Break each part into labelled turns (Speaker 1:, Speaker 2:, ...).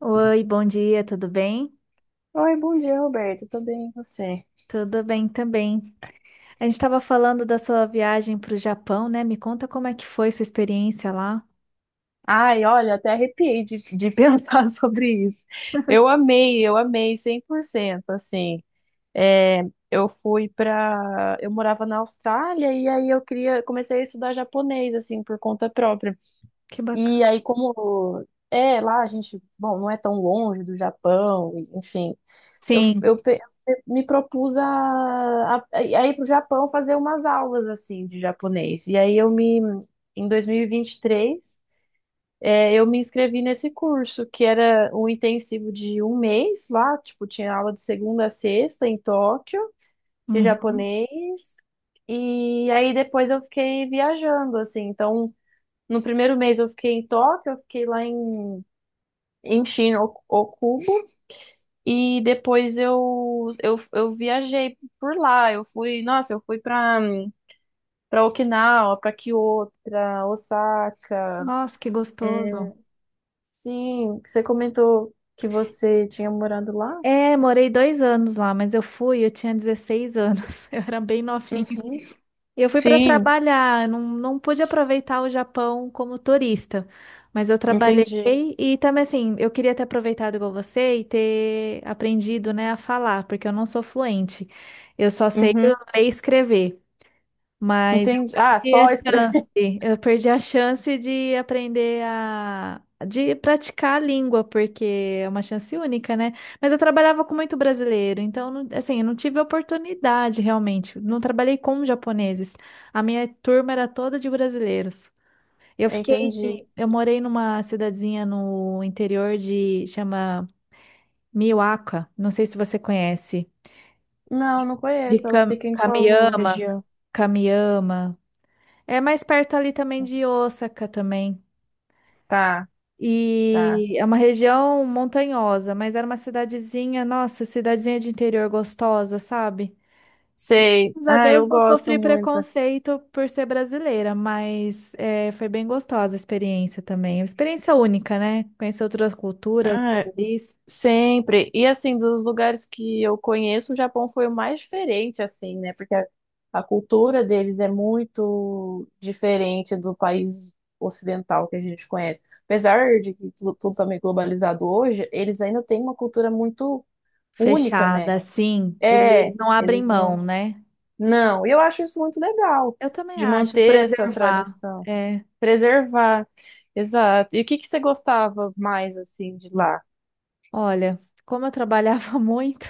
Speaker 1: Oi, bom dia, tudo bem?
Speaker 2: Oi, bom dia, Roberto. Tudo bem, e você?
Speaker 1: Tudo bem também. A gente estava falando da sua viagem para o Japão, né? Me conta como é que foi sua experiência lá.
Speaker 2: Ai, olha, até arrepiei de pensar sobre isso. Eu amei 100%, assim. É, eu fui pra... Eu morava na Austrália e aí eu queria... Comecei a estudar japonês, assim, por conta própria.
Speaker 1: Que bacana.
Speaker 2: E aí, como... É, lá a gente... Bom, não é tão longe do Japão, enfim. Eu,
Speaker 1: Sim.
Speaker 2: eu pe- Me propus a ir para o Japão fazer umas aulas assim de japonês. Em 2023, eu me inscrevi nesse curso, que era um intensivo de um mês lá, tipo, tinha aula de segunda a sexta em Tóquio, de
Speaker 1: Uhum.
Speaker 2: japonês. E aí depois eu fiquei viajando, assim. Então, no primeiro mês eu fiquei em Tóquio, eu fiquei lá em Shin, Ok- Oku, e depois eu viajei por lá. Eu fui, nossa, eu fui pra Okinawa, pra Kyoto, pra Osaka.
Speaker 1: Nossa, que
Speaker 2: É,
Speaker 1: gostoso.
Speaker 2: sim, você comentou que você tinha morando lá?
Speaker 1: É, morei 2 anos lá, mas eu fui, eu tinha 16 anos, eu era bem novinha.
Speaker 2: Uhum.
Speaker 1: Eu fui para
Speaker 2: Sim,
Speaker 1: trabalhar, não, não pude aproveitar o Japão como turista, mas eu trabalhei
Speaker 2: entendi.
Speaker 1: e também assim, eu queria ter aproveitado igual você e ter aprendido, né, a falar, porque eu não sou fluente. Eu só sei ler
Speaker 2: Uhum,
Speaker 1: e escrever. Mas eu
Speaker 2: entendi. Ah,
Speaker 1: perdi a
Speaker 2: só escrever.
Speaker 1: chance. Eu perdi a chance de aprender a de praticar a língua, porque é uma chance única, né? Mas eu trabalhava com muito brasileiro, então assim, eu não tive oportunidade realmente. Não trabalhei com japoneses. A minha turma era toda de brasileiros. Eu fiquei,
Speaker 2: Entendi.
Speaker 1: eu morei numa cidadezinha no interior de chama Miwaka, não sei se você conhece,
Speaker 2: Não, não
Speaker 1: de
Speaker 2: conheço. Ela fica em qual
Speaker 1: Kamiama,
Speaker 2: região?
Speaker 1: Kamiama. É mais perto ali também de Osaka também.
Speaker 2: Tá, tá.
Speaker 1: E é uma região montanhosa, mas era uma cidadezinha, nossa, cidadezinha de interior gostosa, sabe?
Speaker 2: Sei.
Speaker 1: Graças a
Speaker 2: Ah,
Speaker 1: Deus
Speaker 2: eu
Speaker 1: não
Speaker 2: gosto
Speaker 1: sofri
Speaker 2: muito.
Speaker 1: preconceito por ser brasileira, mas é, foi bem gostosa a experiência também. Uma experiência única, né? Conhecer outra cultura, outro
Speaker 2: Ah,
Speaker 1: país.
Speaker 2: sempre. E assim, dos lugares que eu conheço, o Japão foi o mais diferente, assim, né? Porque a cultura deles é muito diferente do país ocidental que a gente conhece. Apesar de que tu- tudo tá meio globalizado hoje, eles ainda têm uma cultura muito única,
Speaker 1: Fechada,
Speaker 2: né?
Speaker 1: assim, eles
Speaker 2: É,
Speaker 1: não abrem
Speaker 2: eles não.
Speaker 1: mão, né?
Speaker 2: Não, e eu acho isso muito legal,
Speaker 1: Eu também
Speaker 2: de
Speaker 1: acho,
Speaker 2: manter essa
Speaker 1: preservar.
Speaker 2: tradição,
Speaker 1: É,
Speaker 2: preservar. Exato. E o que que você gostava mais, assim, de lá?
Speaker 1: olha, como eu trabalhava muito.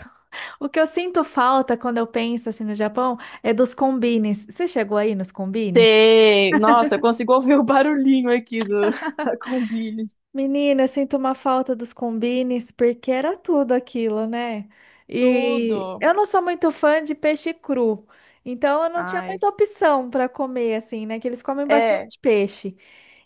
Speaker 1: O que eu sinto falta quando eu penso assim no Japão é dos combines. Você chegou aí nos combines?
Speaker 2: Tem. Nossa, eu consigo ouvir o barulhinho aqui do, da Combine.
Speaker 1: Menina, eu sinto uma falta dos combines porque era tudo aquilo, né?
Speaker 2: Tudo.
Speaker 1: E eu não sou muito fã de peixe cru, então eu não tinha
Speaker 2: Ai.
Speaker 1: muita opção para comer assim, né? Que eles comem
Speaker 2: É,
Speaker 1: bastante peixe.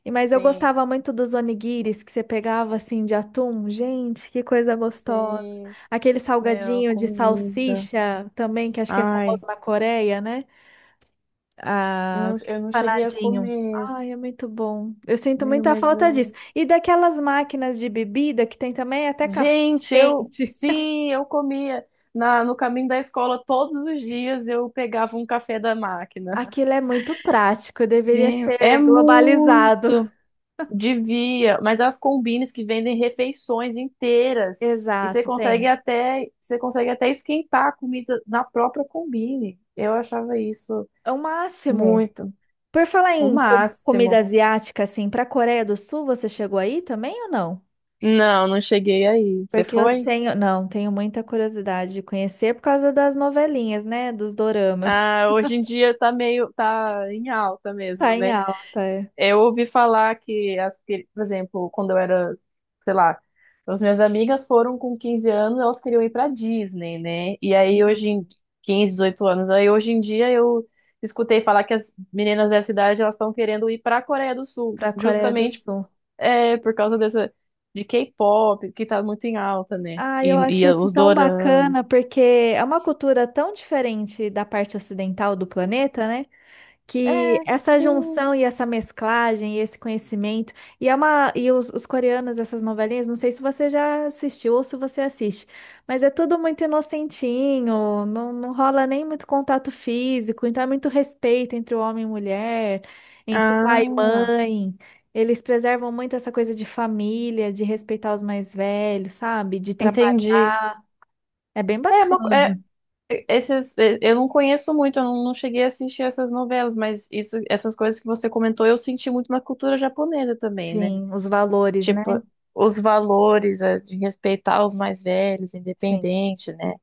Speaker 1: E mas eu
Speaker 2: sim.
Speaker 1: gostava muito dos onigiris que você pegava assim de atum. Gente, que coisa gostosa.
Speaker 2: Sim.
Speaker 1: Aquele
Speaker 2: Meu,
Speaker 1: salgadinho de
Speaker 2: comida.
Speaker 1: salsicha também, que acho que é
Speaker 2: Ai.
Speaker 1: famoso na Coreia, né? Ah,
Speaker 2: Não,
Speaker 1: aquele
Speaker 2: eu não cheguei a
Speaker 1: empanadinho.
Speaker 2: comer.
Speaker 1: Ai, é muito bom. Eu sinto
Speaker 2: Meu,
Speaker 1: muita
Speaker 2: mas
Speaker 1: falta disso.
Speaker 2: eu.
Speaker 1: E daquelas máquinas de bebida que tem também até café
Speaker 2: Gente, eu.
Speaker 1: quente.
Speaker 2: Sim, eu comia. Na, no caminho da escola, todos os dias eu pegava um café da máquina.
Speaker 1: Aquilo é muito prático, deveria
Speaker 2: Meu, é
Speaker 1: ser globalizado.
Speaker 2: muito. Devia, mas as combines que vendem refeições inteiras e
Speaker 1: Exato, tem.
Speaker 2: você consegue até esquentar a comida na própria combine. Eu achava isso
Speaker 1: É o máximo.
Speaker 2: muito,
Speaker 1: Por falar
Speaker 2: o
Speaker 1: em comida
Speaker 2: máximo.
Speaker 1: asiática, assim, para a Coreia do Sul, você chegou aí também ou não?
Speaker 2: Não, não cheguei aí. Você
Speaker 1: Porque eu
Speaker 2: foi?
Speaker 1: tenho, não, tenho muita curiosidade de conhecer por causa das novelinhas, né? Dos doramas.
Speaker 2: Ah, hoje em dia tá em alta mesmo,
Speaker 1: Tá em
Speaker 2: né?
Speaker 1: alta, é.
Speaker 2: Eu ouvi falar que, por exemplo, quando eu era, sei lá, as minhas amigas foram com 15 anos, elas queriam ir pra Disney, né? E aí hoje em 15, 18 anos, aí hoje em dia eu escutei falar que as meninas dessa idade elas estão querendo ir pra Coreia do Sul,
Speaker 1: Para a Coreia do
Speaker 2: justamente
Speaker 1: Sul.
Speaker 2: é, por causa dessa de K-pop, que tá muito em alta, né?
Speaker 1: Ah, eu
Speaker 2: E,
Speaker 1: acho
Speaker 2: e
Speaker 1: isso
Speaker 2: os
Speaker 1: tão
Speaker 2: doramas.
Speaker 1: bacana, porque é uma cultura tão diferente da parte ocidental do planeta, né? Que
Speaker 2: É,
Speaker 1: essa
Speaker 2: sim.
Speaker 1: junção e essa mesclagem e esse conhecimento. E, é uma, e os coreanos, essas novelinhas, não sei se você já assistiu ou se você assiste, mas é tudo muito inocentinho, não, não rola nem muito contato físico, então é muito respeito entre o homem e mulher, entre pai e
Speaker 2: Ah,
Speaker 1: mãe. Eles preservam muito essa coisa de família, de respeitar os mais velhos, sabe? De
Speaker 2: entendi.
Speaker 1: é bem
Speaker 2: É uma, co-
Speaker 1: bacana,
Speaker 2: é, Esses, eu não conheço muito, eu não não cheguei a assistir essas novelas, mas isso, essas coisas que você comentou, eu senti muito na cultura japonesa também, né?
Speaker 1: sim, os valores, né?
Speaker 2: Tipo, os valores de respeitar os mais velhos,
Speaker 1: Sim,
Speaker 2: independente, né?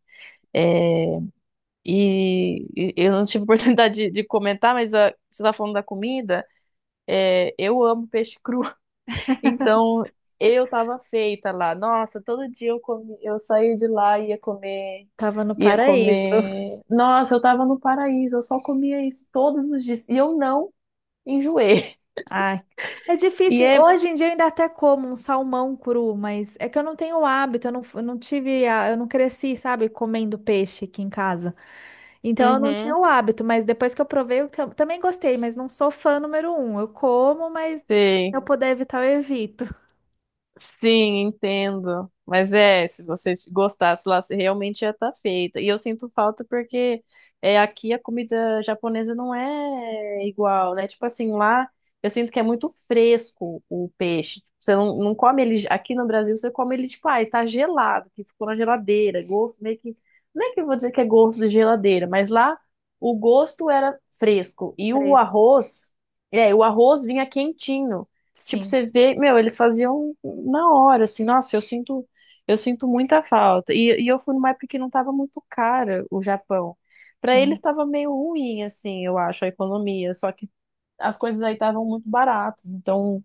Speaker 2: Eh, e eu não tive oportunidade de comentar, mas ah, você está falando da comida, eu amo peixe cru. Então, eu tava feita lá. Nossa, todo dia eu comi, eu saía de lá e ia comer,
Speaker 1: tava no
Speaker 2: ia
Speaker 1: paraíso.
Speaker 2: comer. Nossa, eu tava no paraíso, eu só comia isso todos os dias e eu não enjoei.
Speaker 1: Ai, é
Speaker 2: E
Speaker 1: difícil.
Speaker 2: é,
Speaker 1: Hoje em dia eu ainda até como um salmão cru, mas é que eu não tenho o hábito, eu não tive, eu não cresci, sabe, comendo peixe aqui em casa. Então eu não tinha
Speaker 2: uhum,
Speaker 1: o hábito, mas depois que eu provei, eu também gostei, mas não sou fã número um. Eu como, mas se
Speaker 2: sei.
Speaker 1: eu puder evitar, eu evito.
Speaker 2: Sim, entendo. Mas é, se você gostasse lá, você realmente ia estar feita. E eu sinto falta porque é, aqui a comida japonesa não é igual, né? Tipo assim, lá eu sinto que é muito fresco o peixe. Você não, não come ele. Aqui no Brasil, você come ele, tipo, ah, tá gelado, que ficou na geladeira. Gosto meio que. Não é que eu vou dizer que é gosto de geladeira, mas lá o gosto era fresco. E o
Speaker 1: Preço.
Speaker 2: arroz, é, o arroz vinha quentinho. Tipo,
Speaker 1: Sim,
Speaker 2: você vê, meu, eles faziam na hora, assim, nossa, eu sinto muita falta. E eu fui numa época que não tava muito cara o Japão. Pra eles
Speaker 1: sim.
Speaker 2: estava meio ruim, assim, eu acho, a economia. Só que as coisas aí estavam muito baratas, então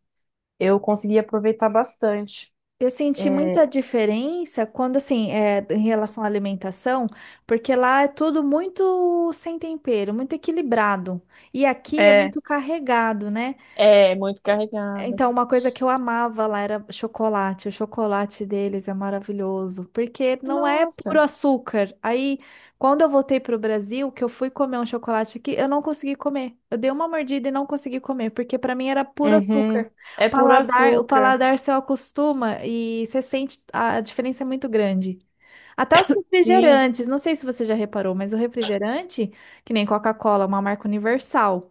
Speaker 2: eu consegui aproveitar bastante.
Speaker 1: Eu senti
Speaker 2: É,
Speaker 1: muita diferença quando, assim, é, em relação à alimentação, porque lá é tudo muito sem tempero, muito equilibrado. E aqui é
Speaker 2: é,
Speaker 1: muito carregado, né?
Speaker 2: é muito carregada.
Speaker 1: Então, uma coisa que eu amava lá era chocolate. O chocolate deles é maravilhoso, porque não é puro
Speaker 2: Nossa.
Speaker 1: açúcar. Aí, quando eu voltei para o Brasil, que eu fui comer um chocolate aqui, eu não consegui comer. Eu dei uma mordida e não consegui comer, porque para mim era puro
Speaker 2: Uhum.
Speaker 1: açúcar.
Speaker 2: É puro
Speaker 1: O
Speaker 2: açúcar.
Speaker 1: paladar se acostuma e você sente a diferença é muito grande. Até os
Speaker 2: Sim.
Speaker 1: refrigerantes, não sei se você já reparou, mas o refrigerante, que nem Coca-Cola, é uma marca universal.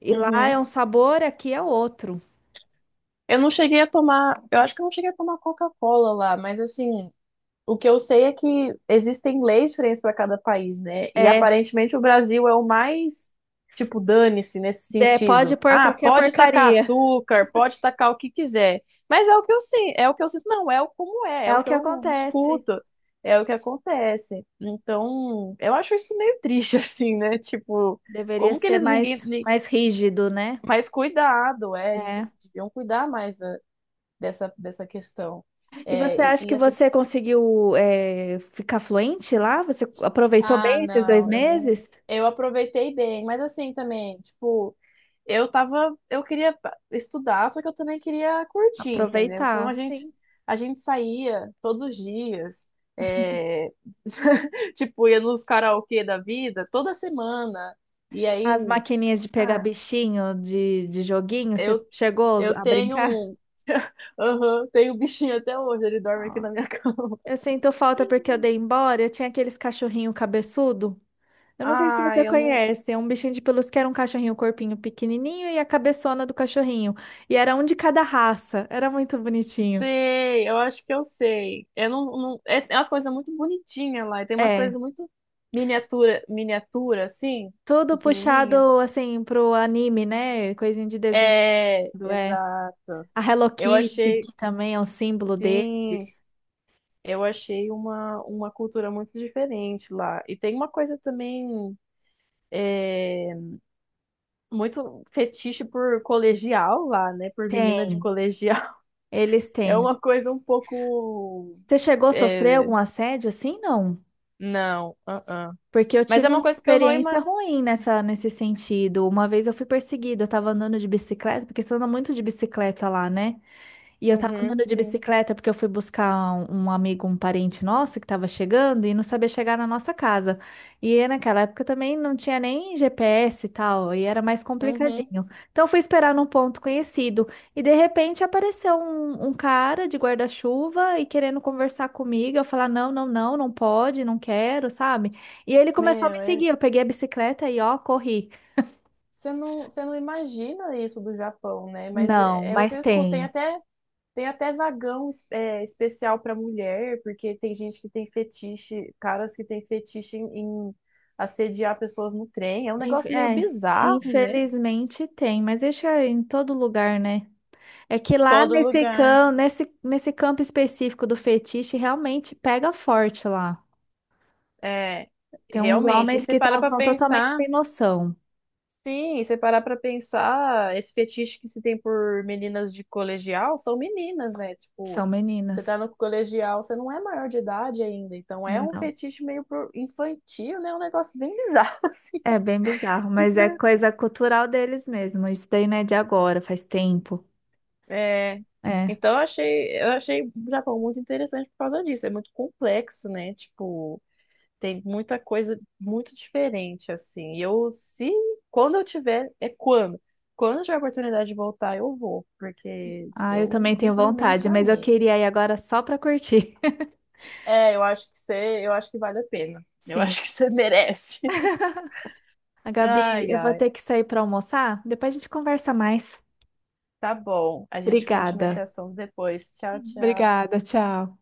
Speaker 1: E lá é
Speaker 2: Uhum.
Speaker 1: um sabor, aqui é outro.
Speaker 2: Eu não cheguei a tomar, eu acho que eu não cheguei a tomar Coca-Cola lá, mas assim, o que eu sei é que existem leis diferentes para cada país, né? E
Speaker 1: É,
Speaker 2: aparentemente o Brasil é o mais, tipo, dane-se nesse
Speaker 1: é, pode
Speaker 2: sentido.
Speaker 1: pôr
Speaker 2: Ah,
Speaker 1: qualquer
Speaker 2: pode tacar
Speaker 1: porcaria.
Speaker 2: açúcar, pode tacar o que quiser. Mas é o que eu sinto, é o que eu sinto, não, é o como é, é
Speaker 1: É
Speaker 2: o
Speaker 1: o
Speaker 2: que
Speaker 1: que
Speaker 2: eu
Speaker 1: acontece.
Speaker 2: escuto, é o que acontece. Então, eu acho isso meio triste, assim, né? Tipo,
Speaker 1: Deveria
Speaker 2: como que
Speaker 1: ser
Speaker 2: eles ninguém.
Speaker 1: mais,
Speaker 2: Ni-
Speaker 1: mais rígido, né?
Speaker 2: Mas cuidado, é,
Speaker 1: É.
Speaker 2: deviam cuidar mais da- dessa, dessa questão.
Speaker 1: E
Speaker 2: É,
Speaker 1: você
Speaker 2: e,
Speaker 1: acha
Speaker 2: e
Speaker 1: que
Speaker 2: essa
Speaker 1: você conseguiu, é, ficar fluente lá? Você aproveitou
Speaker 2: Ah,
Speaker 1: bem esses dois
Speaker 2: não, eu não.
Speaker 1: meses?
Speaker 2: Eu aproveitei bem, mas assim também, tipo, eu tava, eu queria pa- estudar, só que eu também queria curtir, entendeu? Então
Speaker 1: Aproveitar,
Speaker 2: a gente,
Speaker 1: sim.
Speaker 2: a gente saía todos os dias, é, tipo, ia nos karaokê da vida toda semana. E
Speaker 1: As
Speaker 2: aí,
Speaker 1: maquininhas de pegar
Speaker 2: ah,
Speaker 1: bichinho, de joguinho, você
Speaker 2: eu,
Speaker 1: chegou
Speaker 2: eu
Speaker 1: a
Speaker 2: tenho
Speaker 1: brincar?
Speaker 2: um, aham, tenho um bichinho até hoje, ele dorme aqui
Speaker 1: Ó.
Speaker 2: na minha cama.
Speaker 1: Eu sinto falta porque eu dei embora. Eu tinha aqueles cachorrinho cabeçudo. Eu não sei se
Speaker 2: Ah,
Speaker 1: você
Speaker 2: eu não.
Speaker 1: conhece, é um bichinho de pelúcia que era um cachorrinho, o corpinho pequenininho e a cabeçona do cachorrinho. E era um de cada raça, era muito bonitinho.
Speaker 2: Sei, eu acho que eu sei. Eu não, não, é, é umas coisas muito bonitinhas lá. E tem umas
Speaker 1: É,
Speaker 2: coisas muito miniatura, miniatura, assim,
Speaker 1: tudo
Speaker 2: pequenininha.
Speaker 1: puxado assim pro anime, né? Coisinha de desenho,
Speaker 2: É,
Speaker 1: é.
Speaker 2: exato.
Speaker 1: A Hello
Speaker 2: Eu
Speaker 1: Kitty,
Speaker 2: achei,
Speaker 1: que também é um símbolo deles.
Speaker 2: sim, eu achei uma cultura muito diferente lá. E tem uma coisa também muito fetiche por colegial lá, né? Por menina de
Speaker 1: Tem,
Speaker 2: colegial.
Speaker 1: eles
Speaker 2: É
Speaker 1: têm.
Speaker 2: uma coisa um pouco.
Speaker 1: Você chegou a sofrer
Speaker 2: É,
Speaker 1: algum assédio assim? Não.
Speaker 2: não, uh-uh.
Speaker 1: Porque eu
Speaker 2: Mas é
Speaker 1: tive
Speaker 2: uma
Speaker 1: uma
Speaker 2: coisa que eu não
Speaker 1: experiência
Speaker 2: imagino.
Speaker 1: ruim nessa, nesse sentido. Uma vez eu fui perseguida, eu tava andando de bicicleta, porque você anda muito de bicicleta lá, né? E eu tava
Speaker 2: Uhum,
Speaker 1: andando de
Speaker 2: sim.
Speaker 1: bicicleta porque eu fui buscar um, um amigo, um parente nosso que tava chegando e não sabia chegar na nossa casa. E naquela época também não tinha nem GPS e tal, e era mais
Speaker 2: Uhum.
Speaker 1: complicadinho. Então eu fui esperar num ponto conhecido e de repente apareceu um, um cara de guarda-chuva e querendo conversar comigo. Eu falar: não, não, não, não pode, não quero, sabe? E ele começou a me
Speaker 2: Meu,
Speaker 1: seguir.
Speaker 2: é-
Speaker 1: Eu peguei a bicicleta e ó, corri.
Speaker 2: você não imagina isso do Japão, né? Mas
Speaker 1: Não,
Speaker 2: é, é o que
Speaker 1: mas
Speaker 2: eu escuto.
Speaker 1: tem.
Speaker 2: Tem até vagão es- é, especial para mulher, porque tem gente que tem fetiche, caras que tem fetiche em assediar pessoas no trem. É um negócio meio
Speaker 1: É,
Speaker 2: bizarro, né?
Speaker 1: infelizmente tem, mas isso é em todo lugar, né? É que lá
Speaker 2: Todo
Speaker 1: nesse
Speaker 2: lugar.
Speaker 1: campo, nesse, nesse campo específico do fetiche, realmente pega forte lá.
Speaker 2: É,
Speaker 1: Tem uns
Speaker 2: realmente. E
Speaker 1: homens
Speaker 2: você
Speaker 1: que
Speaker 2: para pra
Speaker 1: são totalmente
Speaker 2: pensar.
Speaker 1: sem noção.
Speaker 2: Sim, e você parar pra pensar, esse fetiche que se tem por meninas de colegial são meninas, né? Tipo,
Speaker 1: São
Speaker 2: você
Speaker 1: meninas.
Speaker 2: tá no colegial, você não é maior de idade ainda, então é um
Speaker 1: Não.
Speaker 2: fetiche meio pro- infantil, né? É um negócio bem bizarro, assim.
Speaker 1: É bem bizarro, mas é
Speaker 2: Então,
Speaker 1: coisa cultural deles mesmo. Isso daí não é de agora, faz tempo.
Speaker 2: é,
Speaker 1: É.
Speaker 2: então eu achei o Japão muito interessante por causa disso. É muito complexo, né? Tipo, tem muita coisa muito diferente, assim. E eu, se, quando eu tiver, é quando. Quando eu tiver a oportunidade de voltar, eu vou, porque
Speaker 1: Ah, eu
Speaker 2: eu
Speaker 1: também tenho
Speaker 2: simplesmente
Speaker 1: vontade, mas eu
Speaker 2: amei.
Speaker 1: queria ir agora só pra curtir.
Speaker 2: É, eu acho que você, eu acho que vale a pena. Eu
Speaker 1: Sim.
Speaker 2: acho que você merece.
Speaker 1: A Gabi,
Speaker 2: Ai,
Speaker 1: eu vou
Speaker 2: ai.
Speaker 1: ter que sair pra almoçar, depois a gente conversa mais.
Speaker 2: Tá bom. A gente continua esse
Speaker 1: Obrigada.
Speaker 2: assunto depois. Tchau, tchau.
Speaker 1: Obrigada, tchau.